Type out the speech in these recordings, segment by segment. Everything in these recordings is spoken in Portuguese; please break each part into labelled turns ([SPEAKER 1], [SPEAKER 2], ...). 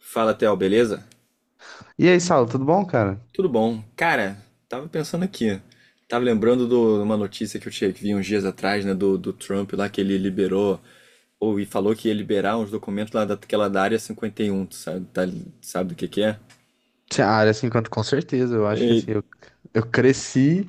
[SPEAKER 1] Fala, Theo, beleza?
[SPEAKER 2] E aí, Saulo, tudo bom, cara?
[SPEAKER 1] Tudo bom. Cara, tava pensando aqui. Tava lembrando de uma notícia que eu tinha, que vi uns dias atrás, né, do Trump lá, que ele liberou, ou e falou que ia liberar uns documentos lá daquela da Área 51, tu sabe, sabe do que é?
[SPEAKER 2] Sim, a área 50, com certeza. Eu acho que
[SPEAKER 1] E-
[SPEAKER 2] assim, eu cresci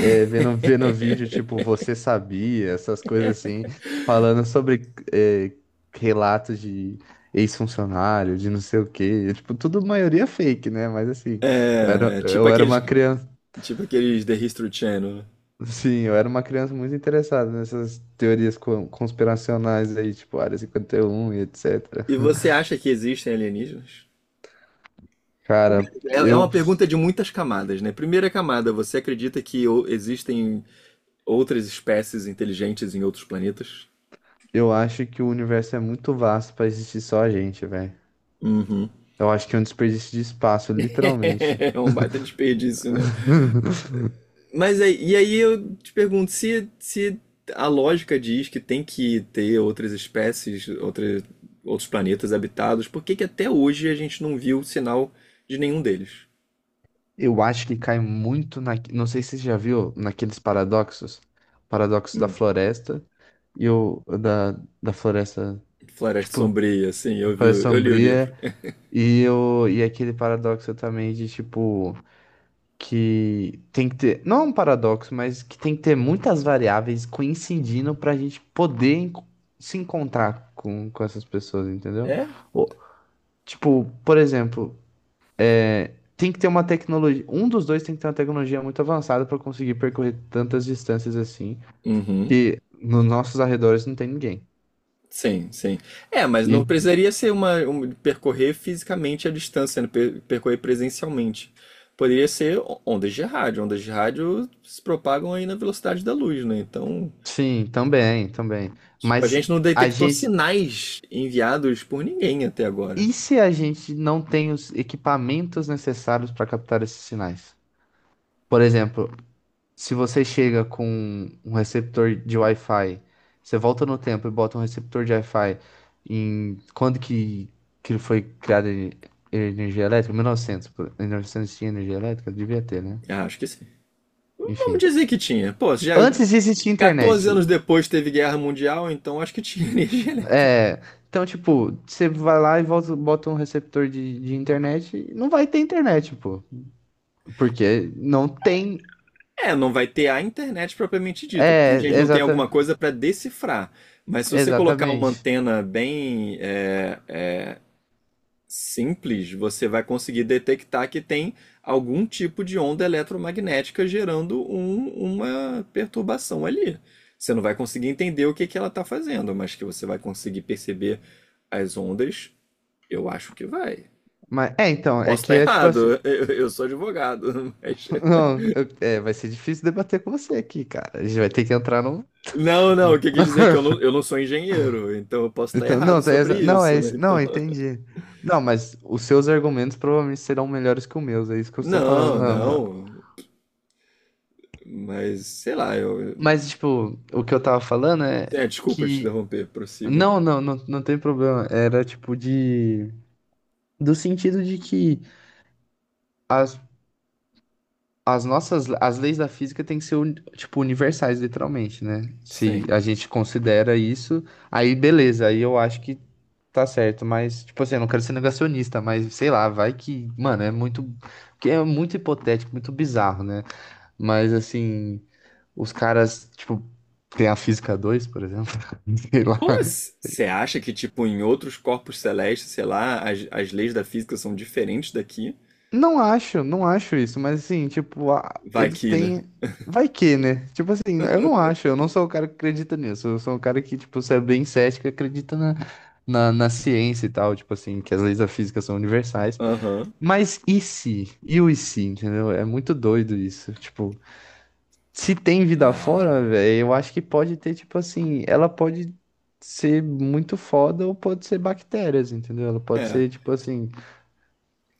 [SPEAKER 2] vendo vídeo tipo Você Sabia, essas coisas assim, falando sobre relatos de ex-funcionário, de não sei o quê. Tipo, tudo maioria fake, né? Mas assim, eu era,
[SPEAKER 1] É,
[SPEAKER 2] eu era uma criança.
[SPEAKER 1] tipo aqueles The History Channel, né?
[SPEAKER 2] Sim, eu era uma criança muito interessada nessas teorias conspiracionais aí, tipo Área 51 e etc.
[SPEAKER 1] E você acha que existem alienígenas?
[SPEAKER 2] Cara,
[SPEAKER 1] É
[SPEAKER 2] eu.
[SPEAKER 1] uma pergunta de muitas camadas, né? Primeira camada, você acredita que existem outras espécies inteligentes em outros planetas?
[SPEAKER 2] Eu acho que o universo é muito vasto pra existir só a gente, velho.
[SPEAKER 1] Uhum.
[SPEAKER 2] Eu acho que é um desperdício de espaço, literalmente.
[SPEAKER 1] É um baita desperdício, né? Mas aí, e aí eu te pergunto, se a lógica diz que tem que ter outras espécies, outros planetas habitados, por que que até hoje a gente não viu sinal de nenhum deles?
[SPEAKER 2] Eu acho que cai muito na. Não sei se você já viu naqueles paradoxos. Paradoxo da
[SPEAKER 1] Hum.
[SPEAKER 2] floresta e o. Da floresta.
[SPEAKER 1] Floresta
[SPEAKER 2] Tipo,
[SPEAKER 1] Sombria, sim, eu vi,
[SPEAKER 2] floresta
[SPEAKER 1] eu li o livro.
[SPEAKER 2] sombria e aquele paradoxo também de, tipo, que tem que ter. Não é um paradoxo, mas que tem que ter muitas variáveis coincidindo pra gente poder se encontrar com essas pessoas, entendeu?
[SPEAKER 1] É?
[SPEAKER 2] O. Tipo, por exemplo, é, tem que ter uma tecnologia. Um dos dois tem que ter uma tecnologia muito avançada para conseguir percorrer tantas distâncias assim,
[SPEAKER 1] Uhum.
[SPEAKER 2] que nos nossos arredores não tem ninguém.
[SPEAKER 1] Sim, sim. É, mas não
[SPEAKER 2] E
[SPEAKER 1] precisaria ser percorrer fisicamente a distância, né? Percorrer presencialmente. Poderia ser ondas de rádio. Ondas de rádio se propagam aí na velocidade da luz, né? Então,
[SPEAKER 2] sim, também, também.
[SPEAKER 1] tipo, a
[SPEAKER 2] Mas
[SPEAKER 1] gente não
[SPEAKER 2] a
[SPEAKER 1] detectou
[SPEAKER 2] gente.
[SPEAKER 1] sinais enviados por ninguém até agora.
[SPEAKER 2] E se a gente não tem os equipamentos necessários para captar esses sinais? Por exemplo, se você chega com um receptor de Wi-Fi, você volta no tempo e bota um receptor de Wi-Fi em que foi criada energia elétrica? 1900. 1900 tinha energia elétrica? Devia ter, né?
[SPEAKER 1] Ah, acho que sim. Vamos
[SPEAKER 2] Enfim.
[SPEAKER 1] dizer que tinha. Pô, já
[SPEAKER 2] Antes de existir internet.
[SPEAKER 1] 14 anos depois teve guerra mundial, então acho que tinha energia elétrica.
[SPEAKER 2] É. Então, tipo, você vai lá e volta, bota um receptor de internet e não vai ter internet, pô. Porque não tem.
[SPEAKER 1] É, não vai ter a internet propriamente dita, porque a
[SPEAKER 2] É,
[SPEAKER 1] gente não tem alguma coisa para decifrar. Mas se você colocar uma
[SPEAKER 2] exatamente.
[SPEAKER 1] antena bem simples, você vai conseguir detectar que tem algum tipo de onda eletromagnética gerando uma perturbação ali. Você não vai conseguir entender o que que ela está fazendo, mas que você vai conseguir perceber as ondas, eu acho que vai.
[SPEAKER 2] Mas, é, então, é
[SPEAKER 1] Posso
[SPEAKER 2] que
[SPEAKER 1] estar
[SPEAKER 2] é tipo assim.
[SPEAKER 1] errado, eu sou advogado, mas
[SPEAKER 2] Não, é, vai ser difícil debater com você aqui, cara. A gente vai ter que entrar no.
[SPEAKER 1] não, não, o
[SPEAKER 2] No.
[SPEAKER 1] que eu quis dizer é que eu não sou engenheiro, então eu posso estar
[SPEAKER 2] Então,
[SPEAKER 1] errado
[SPEAKER 2] não,
[SPEAKER 1] sobre
[SPEAKER 2] não, é
[SPEAKER 1] isso, né?
[SPEAKER 2] isso. Não,
[SPEAKER 1] Então,
[SPEAKER 2] eu entendi. Não, mas os seus argumentos provavelmente serão melhores que os meus, é isso que eu estou falando.
[SPEAKER 1] não,
[SPEAKER 2] Não, não.
[SPEAKER 1] não, mas sei lá, eu.
[SPEAKER 2] Mas, tipo, o que eu tava falando é
[SPEAKER 1] É, desculpa te
[SPEAKER 2] que.
[SPEAKER 1] interromper, prossiga.
[SPEAKER 2] Não, não, não, não tem problema. Era tipo de. Do sentido de que as as nossas, as leis da física têm que ser, tipo, universais, literalmente, né? Se
[SPEAKER 1] Sim.
[SPEAKER 2] a gente considera isso, aí beleza, aí eu acho que tá certo, mas, tipo assim, eu não quero ser negacionista, mas sei lá, vai que, mano, é muito, que é muito hipotético, muito bizarro, né? Mas, assim, os caras, tipo, tem a física 2 por exemplo, sei lá,
[SPEAKER 1] Você acha que, tipo, em outros corpos celestes, sei lá, as leis da física são diferentes daqui?
[SPEAKER 2] não acho, não acho isso, mas assim, tipo, a-
[SPEAKER 1] Vai
[SPEAKER 2] eles
[SPEAKER 1] que, né?
[SPEAKER 2] têm. Vai que, né? Tipo assim, eu não acho, eu não sou o cara que acredita nisso. Eu sou o cara que, tipo, se é bem cético, acredita na ciência e tal, tipo assim, que as leis da física são universais.
[SPEAKER 1] Aham.
[SPEAKER 2] Mas e se? E o e se, entendeu? É muito doido isso. Tipo, se tem vida
[SPEAKER 1] Ah.
[SPEAKER 2] fora, velho, eu acho que pode ter, tipo assim, ela pode ser muito foda ou pode ser bactérias, entendeu? Ela pode
[SPEAKER 1] É.
[SPEAKER 2] ser, tipo assim,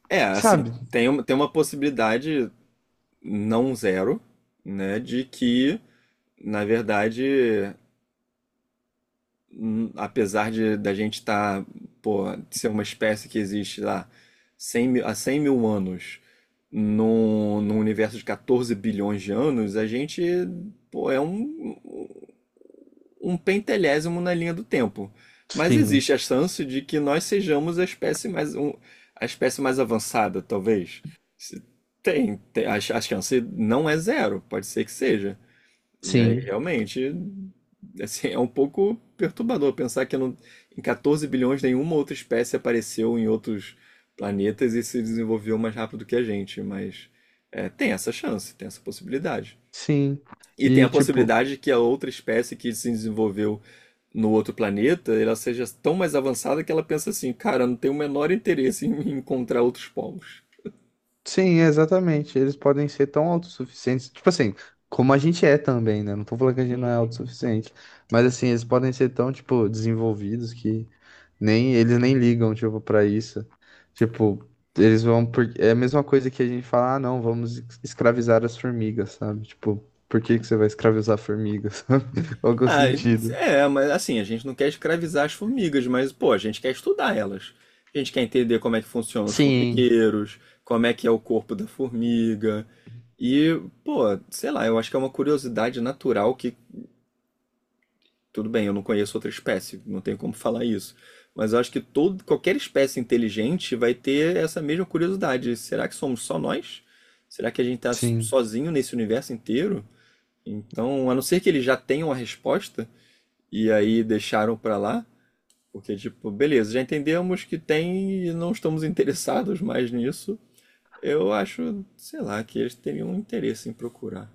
[SPEAKER 1] É, assim,
[SPEAKER 2] sabe?
[SPEAKER 1] tem uma possibilidade não zero, né, de que, na verdade, apesar de da gente estar, pô, ser uma espécie que existe lá 100 mil, há 100 mil anos, num universo de 14 bilhões de anos, a gente, pô, é um pentelésimo na linha do tempo. Mas
[SPEAKER 2] Sim,
[SPEAKER 1] existe a chance de que nós sejamos a espécie mais avançada, talvez. Se- tem a chance não é zero, pode ser que seja. E aí,
[SPEAKER 2] sim.
[SPEAKER 1] realmente, assim, é um pouco perturbador pensar que em 14 bilhões nenhuma outra espécie apareceu em outros planetas e se desenvolveu mais rápido que a gente, mas é, tem essa chance, tem essa possibilidade.
[SPEAKER 2] Sim,
[SPEAKER 1] E tem
[SPEAKER 2] e
[SPEAKER 1] a
[SPEAKER 2] tipo,
[SPEAKER 1] possibilidade que a outra espécie que se desenvolveu no outro planeta, ela seja tão mais avançada que ela pensa assim, cara, não tem o menor interesse em encontrar outros povos.
[SPEAKER 2] sim, exatamente. Eles podem ser tão autossuficientes, tipo assim, como a gente é também, né? Não tô falando que a gente não é autossuficiente, mas assim, eles podem ser tão, tipo, desenvolvidos que nem eles nem ligam, tipo, pra isso. Tipo, eles vão por. É a mesma coisa que a gente fala, ah, não, vamos escravizar as formigas, sabe? Tipo, por que que você vai escravizar formigas, sabe? Qual que é o
[SPEAKER 1] Ah,
[SPEAKER 2] sentido?
[SPEAKER 1] é, mas assim, a gente não quer escravizar as formigas, mas pô, a gente quer estudar elas. A gente quer entender como é que funcionam os
[SPEAKER 2] Sim,
[SPEAKER 1] formigueiros, como é que é o corpo da formiga. E, pô, sei lá, eu acho que é uma curiosidade natural que, tudo bem, eu não conheço outra espécie, não tenho como falar isso. Mas eu acho que todo, qualquer espécie inteligente vai ter essa mesma curiosidade. Será que somos só nós? Será que a gente está
[SPEAKER 2] sim.
[SPEAKER 1] sozinho nesse universo inteiro? Então, a não ser que eles já tenham a resposta, e aí deixaram pra lá, porque tipo, beleza, já entendemos que tem e não estamos interessados mais nisso. Eu acho, sei lá, que eles teriam interesse em procurar.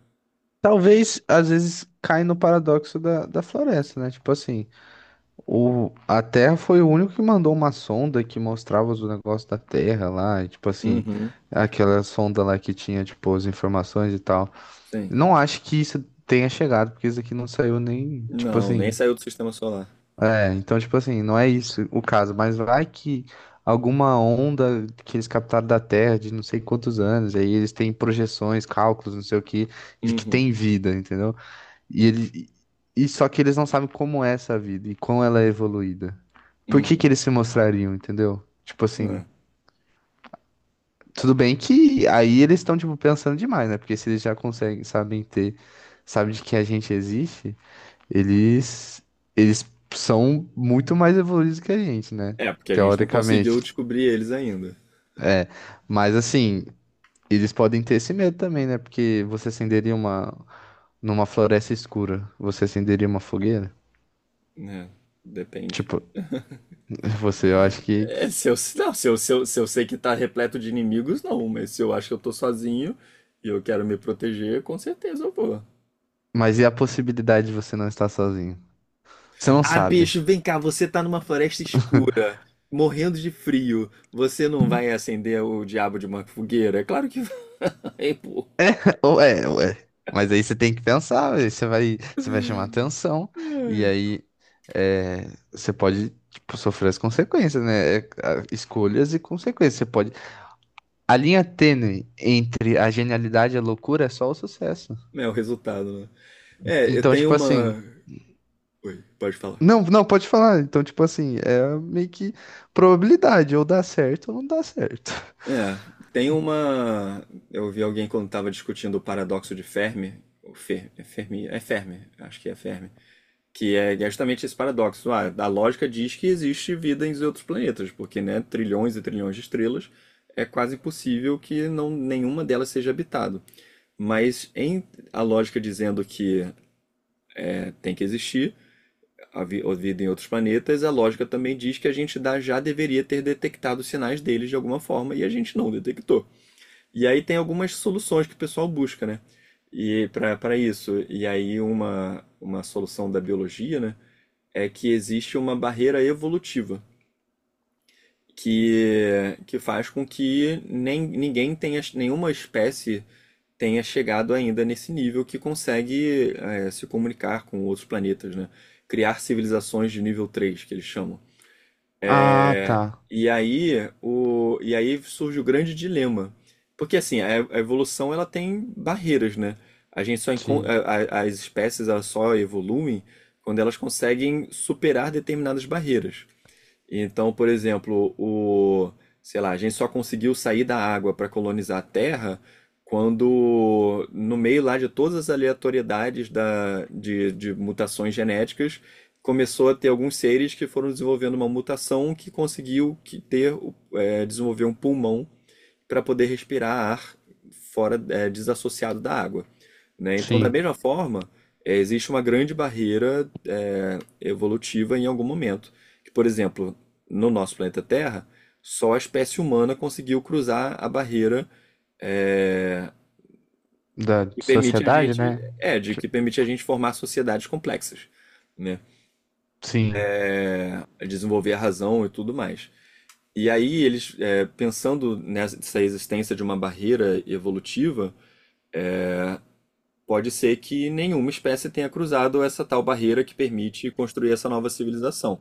[SPEAKER 2] Talvez, às vezes, cai no paradoxo da floresta, né? Tipo assim, o, a Terra foi o único que mandou uma sonda que mostrava os negócios da Terra lá, e, tipo assim,
[SPEAKER 1] Uhum,
[SPEAKER 2] aquela sonda lá que tinha, tipo, as informações e tal.
[SPEAKER 1] sim.
[SPEAKER 2] Não acho que isso tenha chegado, porque isso aqui não saiu nem, tipo
[SPEAKER 1] Não, nem
[SPEAKER 2] assim.
[SPEAKER 1] saiu do sistema solar.
[SPEAKER 2] É, então, tipo assim, não é isso o caso, mas vai que alguma onda que eles captaram da Terra de não sei quantos anos, aí eles têm projeções, cálculos, não sei o que, de que
[SPEAKER 1] Uhum,
[SPEAKER 2] tem vida, entendeu? E, ele, e só que eles não sabem como é essa vida e como ela é evoluída. Por que
[SPEAKER 1] uhum.
[SPEAKER 2] que eles se mostrariam, entendeu? Tipo assim,
[SPEAKER 1] É,
[SPEAKER 2] tudo bem que aí eles estão tipo pensando demais, né? Porque se eles já conseguem, sabem ter, sabem de que a gente existe, eles eles são muito mais evoluídos que a gente, né?
[SPEAKER 1] É, porque a gente não
[SPEAKER 2] Teoricamente.
[SPEAKER 1] conseguiu descobrir eles ainda,
[SPEAKER 2] É, mas assim, eles podem ter esse medo também, né? Porque você acenderia uma numa floresta escura, você acenderia uma fogueira?
[SPEAKER 1] né? Depende.
[SPEAKER 2] Tipo, você, eu acho que.
[SPEAKER 1] É, se eu, não, se eu sei que tá repleto de inimigos, não, mas se eu acho que eu tô sozinho e eu quero me proteger, com certeza eu vou.
[SPEAKER 2] Mas e a possibilidade de você não estar sozinho? Você não
[SPEAKER 1] Ah,
[SPEAKER 2] sabe.
[SPEAKER 1] bicho, vem cá, você tá numa floresta escura, morrendo de frio. Você não vai acender o diabo de uma fogueira? É claro que vai, pô.
[SPEAKER 2] Ou é, ou é. Mas aí você tem que pensar, aí você vai chamar atenção, e aí é, você pode, tipo, sofrer as consequências, né? É, a- escolhas e consequências. Você pode. A linha tênue entre a genialidade e a loucura é só o sucesso.
[SPEAKER 1] É o resultado, né? É, eu
[SPEAKER 2] Então,
[SPEAKER 1] tenho
[SPEAKER 2] tipo assim.
[SPEAKER 1] uma. Oi, pode falar.
[SPEAKER 2] Não, não, pode falar. Então, tipo assim, é meio que probabilidade, ou dá certo ou não dá certo.
[SPEAKER 1] É, tem uma. Eu vi alguém quando tava discutindo o paradoxo de Fermi, ou Fer... é Fermi? É Fermi, acho que é Fermi. Que é justamente esse paradoxo. Ah, a lógica diz que existe vida em outros planetas, porque, né, trilhões e trilhões de estrelas, é quase impossível que não, nenhuma delas seja habitada. Mas a lógica dizendo que tem que existir a vida em outros planetas, a lógica também diz que a gente já deveria ter detectado os sinais deles de alguma forma e a gente não detectou. E aí tem algumas soluções que o pessoal busca, né? E para isso, e aí uma solução da biologia, né? É que existe uma barreira evolutiva que faz com que nem, ninguém tenha, nenhuma espécie tenha chegado ainda nesse nível que consegue se comunicar com outros planetas, né? Criar civilizações de nível 3 que eles chamam.
[SPEAKER 2] Ah, tá.
[SPEAKER 1] E aí, e aí surge o grande dilema. Porque assim, a evolução ela tem barreiras, né? A gente só
[SPEAKER 2] Sim,
[SPEAKER 1] as espécies elas só evoluem quando elas conseguem superar determinadas barreiras. Então, por exemplo, sei lá, a gente só conseguiu sair da água para colonizar a Terra quando, no meio lá de todas as aleatoriedades de mutações genéticas, começou a ter alguns seres que foram desenvolvendo uma mutação que conseguiu que ter, desenvolver um pulmão para poder respirar ar fora, desassociado da água, né? Então, da
[SPEAKER 2] sim.
[SPEAKER 1] mesma forma, existe uma grande barreira evolutiva em algum momento. Que, por exemplo, no nosso planeta Terra, só a espécie humana conseguiu cruzar a barreira é,
[SPEAKER 2] Da
[SPEAKER 1] que permite a
[SPEAKER 2] sociedade,
[SPEAKER 1] gente,
[SPEAKER 2] né?
[SPEAKER 1] é, de
[SPEAKER 2] Tipo,
[SPEAKER 1] que permite a gente formar sociedades complexas, né?
[SPEAKER 2] sim.
[SPEAKER 1] É, desenvolver a razão e tudo mais. E aí eles, pensando nessa existência de uma barreira evolutiva, pode ser que nenhuma espécie tenha cruzado essa tal barreira que permite construir essa nova civilização.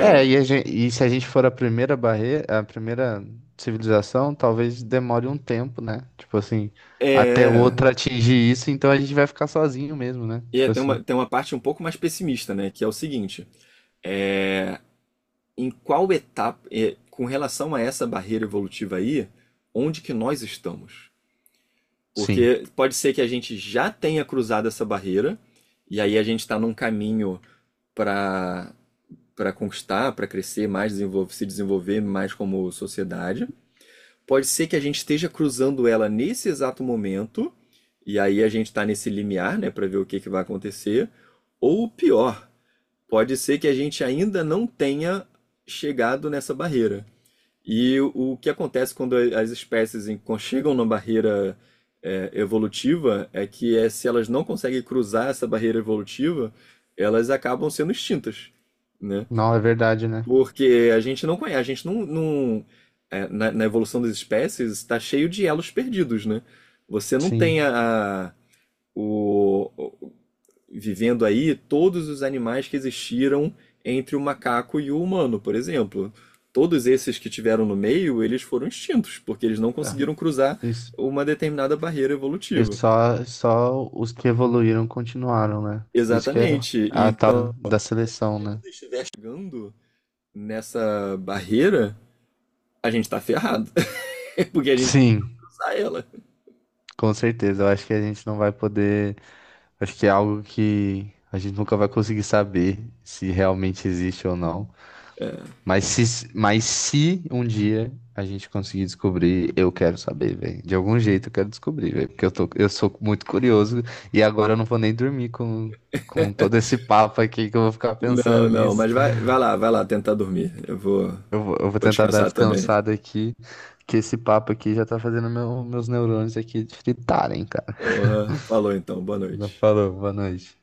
[SPEAKER 2] É, a e se a gente for a primeira barreira, a primeira civilização, talvez demore um tempo, né? Tipo assim, até
[SPEAKER 1] É.
[SPEAKER 2] outra atingir isso, então a gente vai ficar sozinho mesmo, né?
[SPEAKER 1] E
[SPEAKER 2] Tipo
[SPEAKER 1] tem
[SPEAKER 2] assim.
[SPEAKER 1] uma, tem uma parte um pouco mais pessimista, né? Que é o seguinte: em qual etapa, com relação a essa barreira evolutiva aí, onde que nós estamos?
[SPEAKER 2] Sim.
[SPEAKER 1] Porque pode ser que a gente já tenha cruzado essa barreira, e aí a gente está num caminho para para conquistar, para crescer mais, se desenvolver mais como sociedade. Pode ser que a gente esteja cruzando ela nesse exato momento, e aí a gente está nesse limiar, né, para ver o que que vai acontecer. Ou pior, pode ser que a gente ainda não tenha chegado nessa barreira. E o que acontece quando as espécies chegam na barreira evolutiva é que se elas não conseguem cruzar essa barreira evolutiva, elas acabam sendo extintas, né?
[SPEAKER 2] Não, é verdade, né?
[SPEAKER 1] Porque a gente não conhece, a gente na evolução das espécies está cheio de elos perdidos, né? Você não
[SPEAKER 2] Sim.
[SPEAKER 1] tem o, o- vivendo aí todos os animais que existiram entre o macaco e o humano, por exemplo. Todos esses que tiveram no meio, eles foram extintos, porque eles não
[SPEAKER 2] É.
[SPEAKER 1] conseguiram cruzar
[SPEAKER 2] Isso.
[SPEAKER 1] uma determinada barreira
[SPEAKER 2] E
[SPEAKER 1] evolutiva.
[SPEAKER 2] só, só os que evoluíram continuaram, né? Isso que é
[SPEAKER 1] Exatamente.
[SPEAKER 2] a tal
[SPEAKER 1] Então,
[SPEAKER 2] da seleção, né?
[SPEAKER 1] chegando nessa barreira, a gente está ferrado, porque a gente vai
[SPEAKER 2] Sim,
[SPEAKER 1] cruzar ela.
[SPEAKER 2] com certeza. Eu acho que a gente não vai poder. Acho que é algo que a gente nunca vai conseguir saber se realmente existe ou não. Mas se um dia a gente conseguir descobrir, eu quero saber, velho. De algum jeito eu quero descobrir, velho. Porque eu tô, eu sou muito curioso e agora eu não vou nem dormir com todo esse papo aqui que eu vou ficar
[SPEAKER 1] Não,
[SPEAKER 2] pensando
[SPEAKER 1] não,
[SPEAKER 2] nisso.
[SPEAKER 1] mas vai lá tentar dormir. Eu vou,
[SPEAKER 2] Eu vou
[SPEAKER 1] vou
[SPEAKER 2] tentar dar uma
[SPEAKER 1] descansar também.
[SPEAKER 2] descansada aqui, que esse papo aqui já tá fazendo meus neurônios aqui fritarem, cara.
[SPEAKER 1] Porra, falou então, boa
[SPEAKER 2] Já
[SPEAKER 1] noite.
[SPEAKER 2] falou, boa noite.